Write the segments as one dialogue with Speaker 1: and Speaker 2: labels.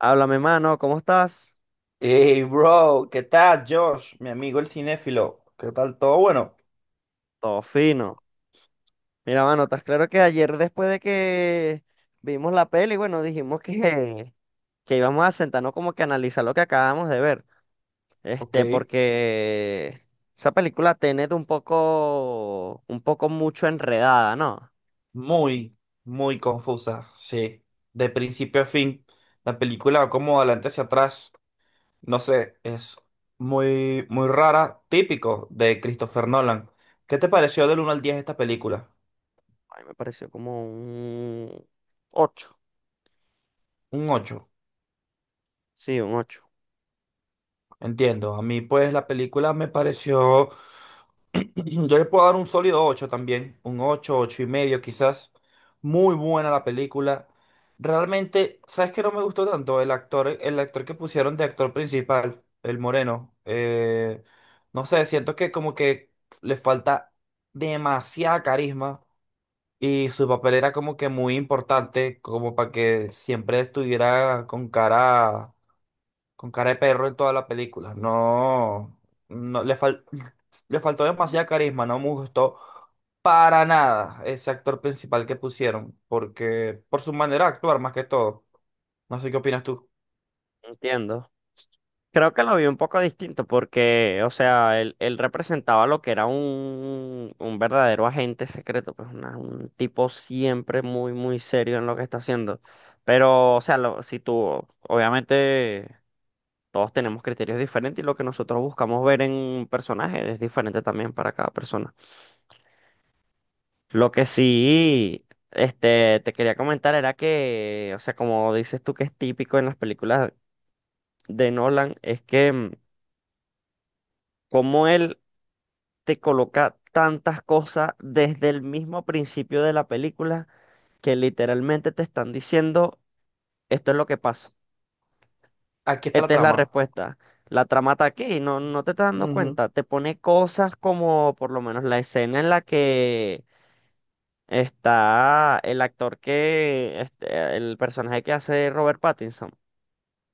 Speaker 1: Háblame, mano, ¿cómo estás?
Speaker 2: Hey, bro, ¿qué tal, Josh? Mi amigo el cinéfilo. ¿Qué tal todo? Bueno,
Speaker 1: Todo fino. Mira, mano, estás claro que ayer después de que vimos la peli, bueno, dijimos que íbamos a sentarnos como que a analizar lo que acabamos de ver.
Speaker 2: ok,
Speaker 1: Porque esa película Tenet un poco mucho enredada, ¿no?
Speaker 2: muy, muy confusa, sí. De principio a fin, la película va como adelante hacia atrás. No sé, es muy, muy rara, típico de Christopher Nolan. ¿Qué te pareció del uno al 10 esta película?
Speaker 1: A mí me pareció como un ocho.
Speaker 2: Un 8.
Speaker 1: Sí, un ocho.
Speaker 2: Entiendo. A mí, pues, la película me pareció. Yo le puedo dar un sólido 8 también. Un 8 8 y medio, quizás. Muy buena la película. Realmente, ¿sabes qué no me gustó tanto? El actor que pusieron de actor principal, el moreno. No sé, siento que como que le falta demasiada carisma. Y su papel era como que muy importante, como para que siempre estuviera con cara. Con cara de perro en toda la película. No, no le fal- le faltó demasiado carisma, no me gustó para nada ese actor principal que pusieron, porque por su manera de actuar más que todo. No sé qué opinas tú.
Speaker 1: Entiendo. Creo que lo vi un poco distinto porque, o sea, él representaba lo que era un verdadero agente secreto, pues un tipo siempre muy, muy serio en lo que está haciendo. Pero, o sea, si tú, obviamente, todos tenemos criterios diferentes y lo que nosotros buscamos ver en un personaje es diferente también para cada persona. Lo que sí, te quería comentar era que, o sea, como dices tú que es típico en las películas de Nolan, es que como él te coloca tantas cosas desde el mismo principio de la película que literalmente te están diciendo, esto es lo que pasa,
Speaker 2: Aquí está la
Speaker 1: esta es la
Speaker 2: trama.
Speaker 1: respuesta. La trama está aquí, no, no te estás dando
Speaker 2: Ujú,
Speaker 1: cuenta. Te pone cosas como por lo menos la escena en la que está el actor que, el personaje que hace Robert Pattinson,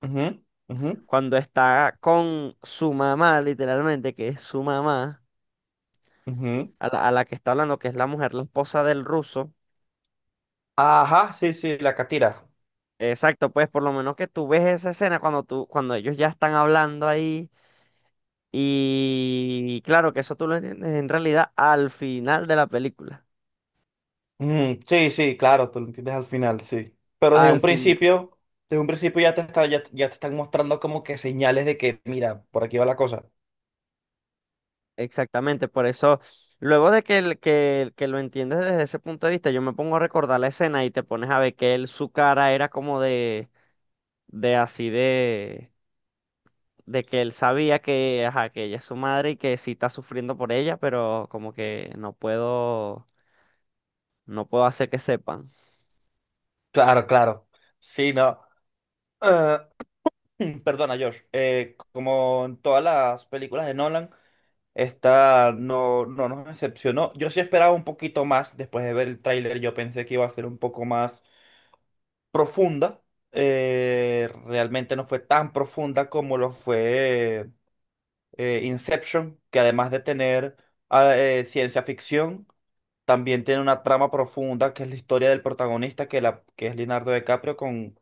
Speaker 2: ujú, ujú,
Speaker 1: cuando está con su mamá, literalmente, que es su mamá,
Speaker 2: ujú.
Speaker 1: a la que está hablando, que es la mujer, la esposa del ruso.
Speaker 2: Ajá, sí, sí, la catira.
Speaker 1: Exacto, pues por lo menos que tú ves esa escena cuando tú, cuando ellos ya están hablando ahí y claro que eso tú lo entiendes en realidad al final de la película,
Speaker 2: Ujú, sí, sí, claro, tú lo entiendes al final, sí. Pero
Speaker 1: al fin,
Speaker 2: desde un principio ya te están mostrando como que señales de que, mira, por aquí va la cosa.
Speaker 1: exactamente, por eso luego de que, que lo entiendes desde ese punto de vista, yo me pongo a recordar la escena y te pones a ver que él, su cara era como de, así de, que él sabía que, ajá, que ella es su madre y que sí está sufriendo por ella, pero como que no puedo, no puedo hacer que sepan.
Speaker 2: Claro, claro. Sí, no. Eh, Perdona, Josh. Como en todas las películas de Nolan, esta no nos decepcionó. Yo sí esperaba un poquito más después de ver el tráiler. Yo pensé que iba a ser un poco más profunda. Realmente no fue tan profunda como lo fue Inception, que además de tener ciencia ficción, también tiene una trama profunda que es la historia del protagonista, que es Leonardo DiCaprio con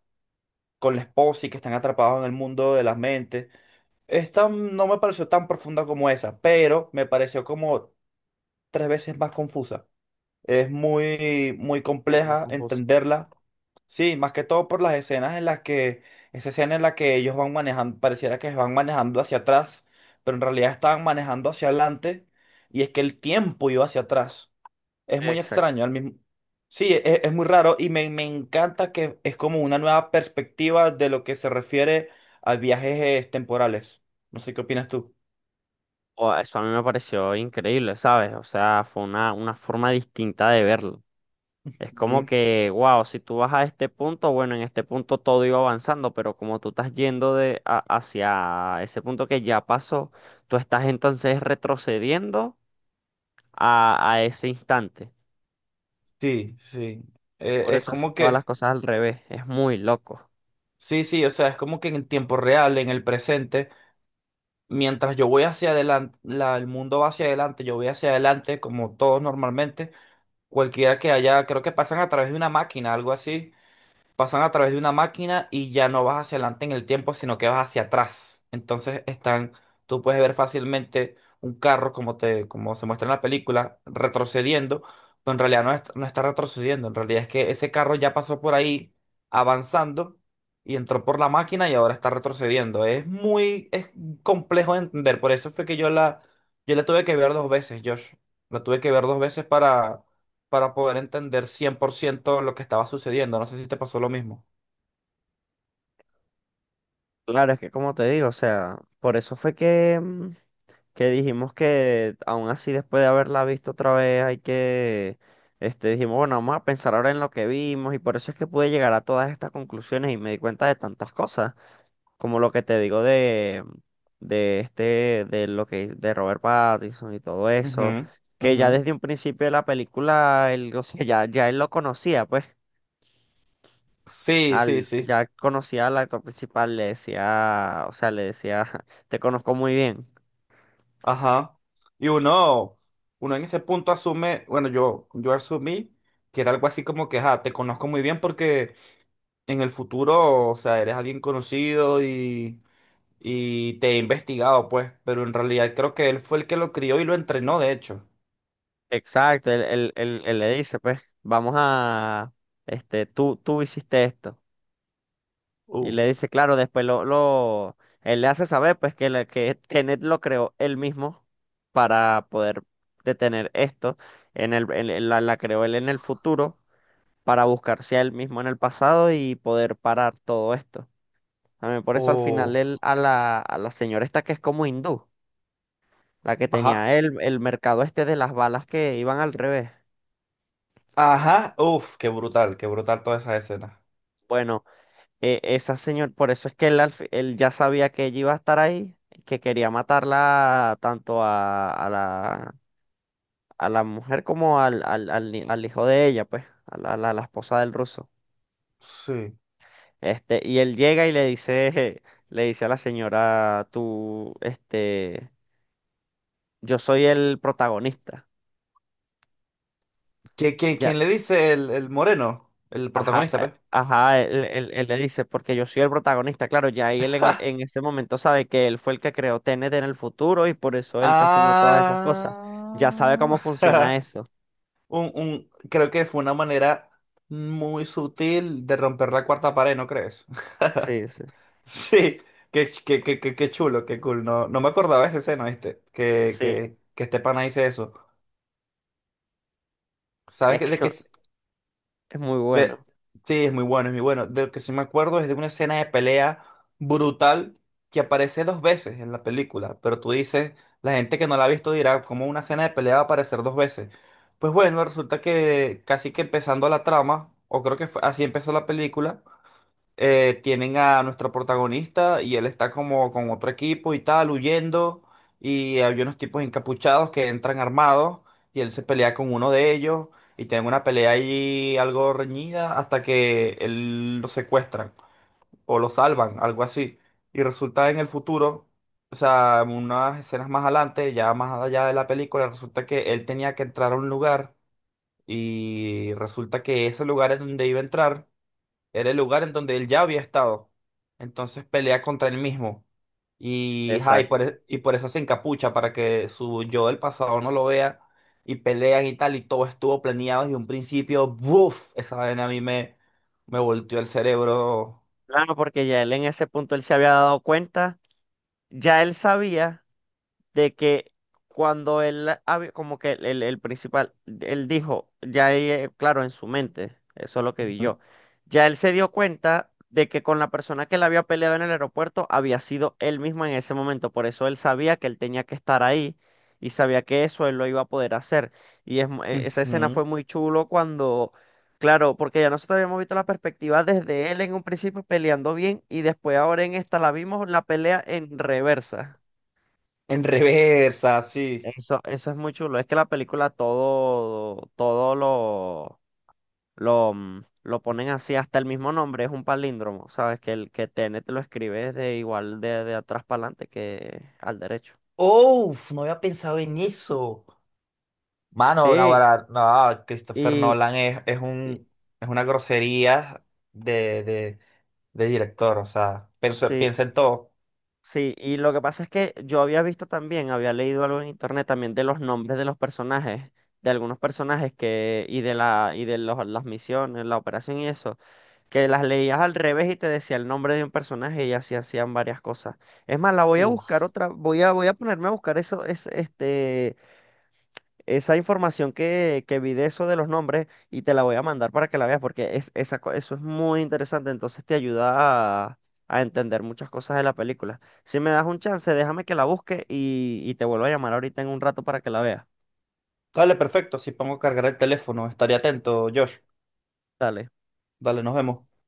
Speaker 2: con la esposa y que están atrapados en el mundo de las mentes. Esta no me pareció tan profunda como esa, pero me pareció como tres veces más confusa. Es muy, muy
Speaker 1: Es muy
Speaker 2: compleja
Speaker 1: confuso.
Speaker 2: entenderla. Sí, más que todo por las escenas en las que, esa escena en la que ellos van manejando, pareciera que van manejando hacia atrás, pero en realidad estaban manejando hacia adelante y es que el tiempo iba hacia atrás. Es muy
Speaker 1: Exacto.
Speaker 2: extraño, al mismo. Sí, es muy raro y me encanta que es como una nueva perspectiva de lo que se refiere a viajes temporales. No sé qué opinas tú.
Speaker 1: Eso a mí me pareció increíble, ¿sabes? O sea, fue una forma distinta de verlo. Es
Speaker 2: Mm.
Speaker 1: como que, wow, si tú vas a este punto, bueno, en este punto todo iba avanzando, pero como tú estás yendo hacia ese punto que ya pasó, tú estás entonces retrocediendo a ese instante.
Speaker 2: Sí, sí. Eh,
Speaker 1: Por
Speaker 2: es
Speaker 1: eso haces
Speaker 2: como
Speaker 1: todas las
Speaker 2: que,
Speaker 1: cosas al revés. Es muy loco.
Speaker 2: sí, sí, o sea, es como que en tiempo real, en el presente, mientras yo voy hacia adelante, el mundo va hacia adelante, yo voy hacia adelante, como todos normalmente, cualquiera que haya, creo que pasan a través de una máquina, algo así. Pasan a través de una máquina y ya no vas hacia adelante en el tiempo, sino que vas hacia atrás. Entonces están, tú puedes ver fácilmente un carro, como te, como se muestra en la película, retrocediendo, pero en realidad no está retrocediendo, en realidad es que ese carro ya pasó por ahí avanzando y entró por la máquina y ahora está retrocediendo. Es complejo de entender, por eso fue que yo la tuve que ver dos veces, Josh. La tuve que ver dos veces para poder entender 100% lo que estaba sucediendo. No sé si te pasó lo mismo.
Speaker 1: Claro, es que como te digo, o sea, por eso fue que dijimos que aún así después de haberla visto otra vez hay que, dijimos, bueno, vamos a pensar ahora en lo que vimos y por eso es que pude llegar a todas estas conclusiones y me di cuenta de tantas cosas, como lo que te digo de, de Robert Pattinson y todo
Speaker 2: Ujú,
Speaker 1: eso, que
Speaker 2: ujú.
Speaker 1: ya desde un principio de la película, él, o sea, ya él lo conocía, pues.
Speaker 2: Sí, sí,
Speaker 1: Al,
Speaker 2: sí.
Speaker 1: ya conocía al actor principal, le decía, o sea, le decía, te conozco muy bien.
Speaker 2: Ajá. Y uno en ese punto asume, bueno, yo asumí que era algo así como que, ah, te conozco muy bien porque en el futuro, o sea, eres alguien conocido y te he investigado, pues, pero en realidad creo que él fue el que lo crió y lo entrenó, de hecho.
Speaker 1: Exacto, él le dice, pues, vamos a, tú hiciste esto. Y
Speaker 2: Uf,
Speaker 1: le dice, claro, después lo, él le hace saber, pues, que Tenet lo creó él mismo para poder detener esto. En la creó él en el futuro para buscarse a él mismo en el pasado y poder parar todo esto. También por eso al final
Speaker 2: uf.
Speaker 1: él, a la señora esta que es como hindú, la que
Speaker 2: Ajá.
Speaker 1: tenía él, el mercado este de las balas que iban al revés.
Speaker 2: Ajá, uf, qué brutal toda esa escena.
Speaker 1: Bueno. Esa señora, por eso es que él, él ya sabía que ella iba a estar ahí, que quería matarla tanto a la mujer como al, al, al ni- al hijo de ella, pues, a la esposa del ruso.
Speaker 2: Sí.
Speaker 1: Y él llega y le dice, le dice a la señora, tú, yo soy el protagonista.
Speaker 2: ¿Quién le dice el moreno? El
Speaker 1: Ajá,
Speaker 2: protagonista,
Speaker 1: eh,
Speaker 2: pe.
Speaker 1: ajá, él le dice, porque yo soy el protagonista, claro, ya y él en, ese momento sabe que él fue el que creó T N T en el futuro y por eso él está haciendo todas esas cosas.
Speaker 2: Ah.
Speaker 1: Ya sabe cómo funciona eso.
Speaker 2: Creo que fue una manera muy sutil de romper la cuarta pared, ¿no crees?
Speaker 1: Sí, sí,
Speaker 2: Sí, qué, ch- qué, qué, qué, qué chulo, qué cool. No, no me acordaba de esa escena, ¿viste? Que,
Speaker 1: sí,
Speaker 2: que, que este pana dice eso.
Speaker 1: es
Speaker 2: ¿Sabes
Speaker 1: que
Speaker 2: de qué?
Speaker 1: es muy bueno.
Speaker 2: Que, sí, es muy bueno, es muy bueno. De lo que sí me acuerdo es de una escena de pelea brutal que aparece dos veces en la película, pero tú dices, la gente que no la ha visto dirá, ¿cómo una escena de pelea va a aparecer dos veces? Pues bueno, resulta que casi que empezando la trama, o creo que así empezó la película, tienen a nuestro protagonista y él está como con otro equipo y tal, huyendo. Y hay unos tipos encapuchados que entran armados y él se pelea con uno de ellos y tienen una pelea ahí algo reñida hasta que él lo secuestran o lo salvan, algo así. Y resulta en el futuro, o sea, en unas escenas más adelante, ya más allá de la película, resulta que él tenía que entrar a un lugar y resulta que ese lugar es donde iba a entrar era el lugar en donde él ya había estado. Entonces pelea contra él mismo. Y, ajá, y, por,
Speaker 1: Exacto.
Speaker 2: e- y por eso se encapucha, para que su yo del pasado no lo vea. Y pelean y tal, y todo estuvo planeado desde un principio. ¡Buf! Esa vaina a mí me volteó el cerebro.
Speaker 1: Claro, porque ya él en ese punto él se había dado cuenta, ya él sabía de que cuando él, como que el principal, él dijo, ya ahí, claro, en su mente, eso es lo que vi
Speaker 2: Ujú,
Speaker 1: yo, ya él se dio cuenta de que con la persona que le había peleado en el aeropuerto había sido él mismo en ese momento, por eso él sabía que él tenía que estar ahí y sabía que eso él lo iba a poder hacer. Y es, esa escena
Speaker 2: ujú.
Speaker 1: fue muy chulo cuando... Claro, porque ya nosotros habíamos visto la perspectiva desde él en un principio peleando bien y después ahora en esta la vimos la pelea en reversa.
Speaker 2: En reversa, sí.
Speaker 1: Eso es muy chulo. Es que la película todo lo ponen así, hasta el mismo nombre, es un palíndromo, ¿sabes? Que el que T N te lo escribe de igual de, atrás para adelante que al derecho.
Speaker 2: ¡Uf! No había pensado en eso. Mano, no,
Speaker 1: Sí,
Speaker 2: no, Christopher
Speaker 1: y,
Speaker 2: Nolan es, es
Speaker 1: y-
Speaker 2: un, es una grosería de de director, o sea, piensa,
Speaker 1: sí.
Speaker 2: piensa en todo.
Speaker 1: Sí, y lo que pasa es que yo había visto también, había leído algo en internet también de los nombres de los personajes, de algunos personajes que, y de la, y de los- las misiones, la operación y eso, que las leías al revés y te decía el nombre de un personaje y así hacían varias cosas. Es más, la voy a buscar
Speaker 2: Uf.
Speaker 1: otra, voy a ponerme a buscar eso, esa información que vi de eso de los nombres y te la voy a mandar para que la veas porque eso es muy interesante, entonces te ayuda a entender muchas cosas de la película. Si me das un chance, déjame que la busque y, te vuelvo a llamar ahorita en un rato para que la veas.
Speaker 2: Dale, perfecto, si pongo a cargar el teléfono, estaré atento, Josh.
Speaker 1: Dale.
Speaker 2: Dale, nos vemos.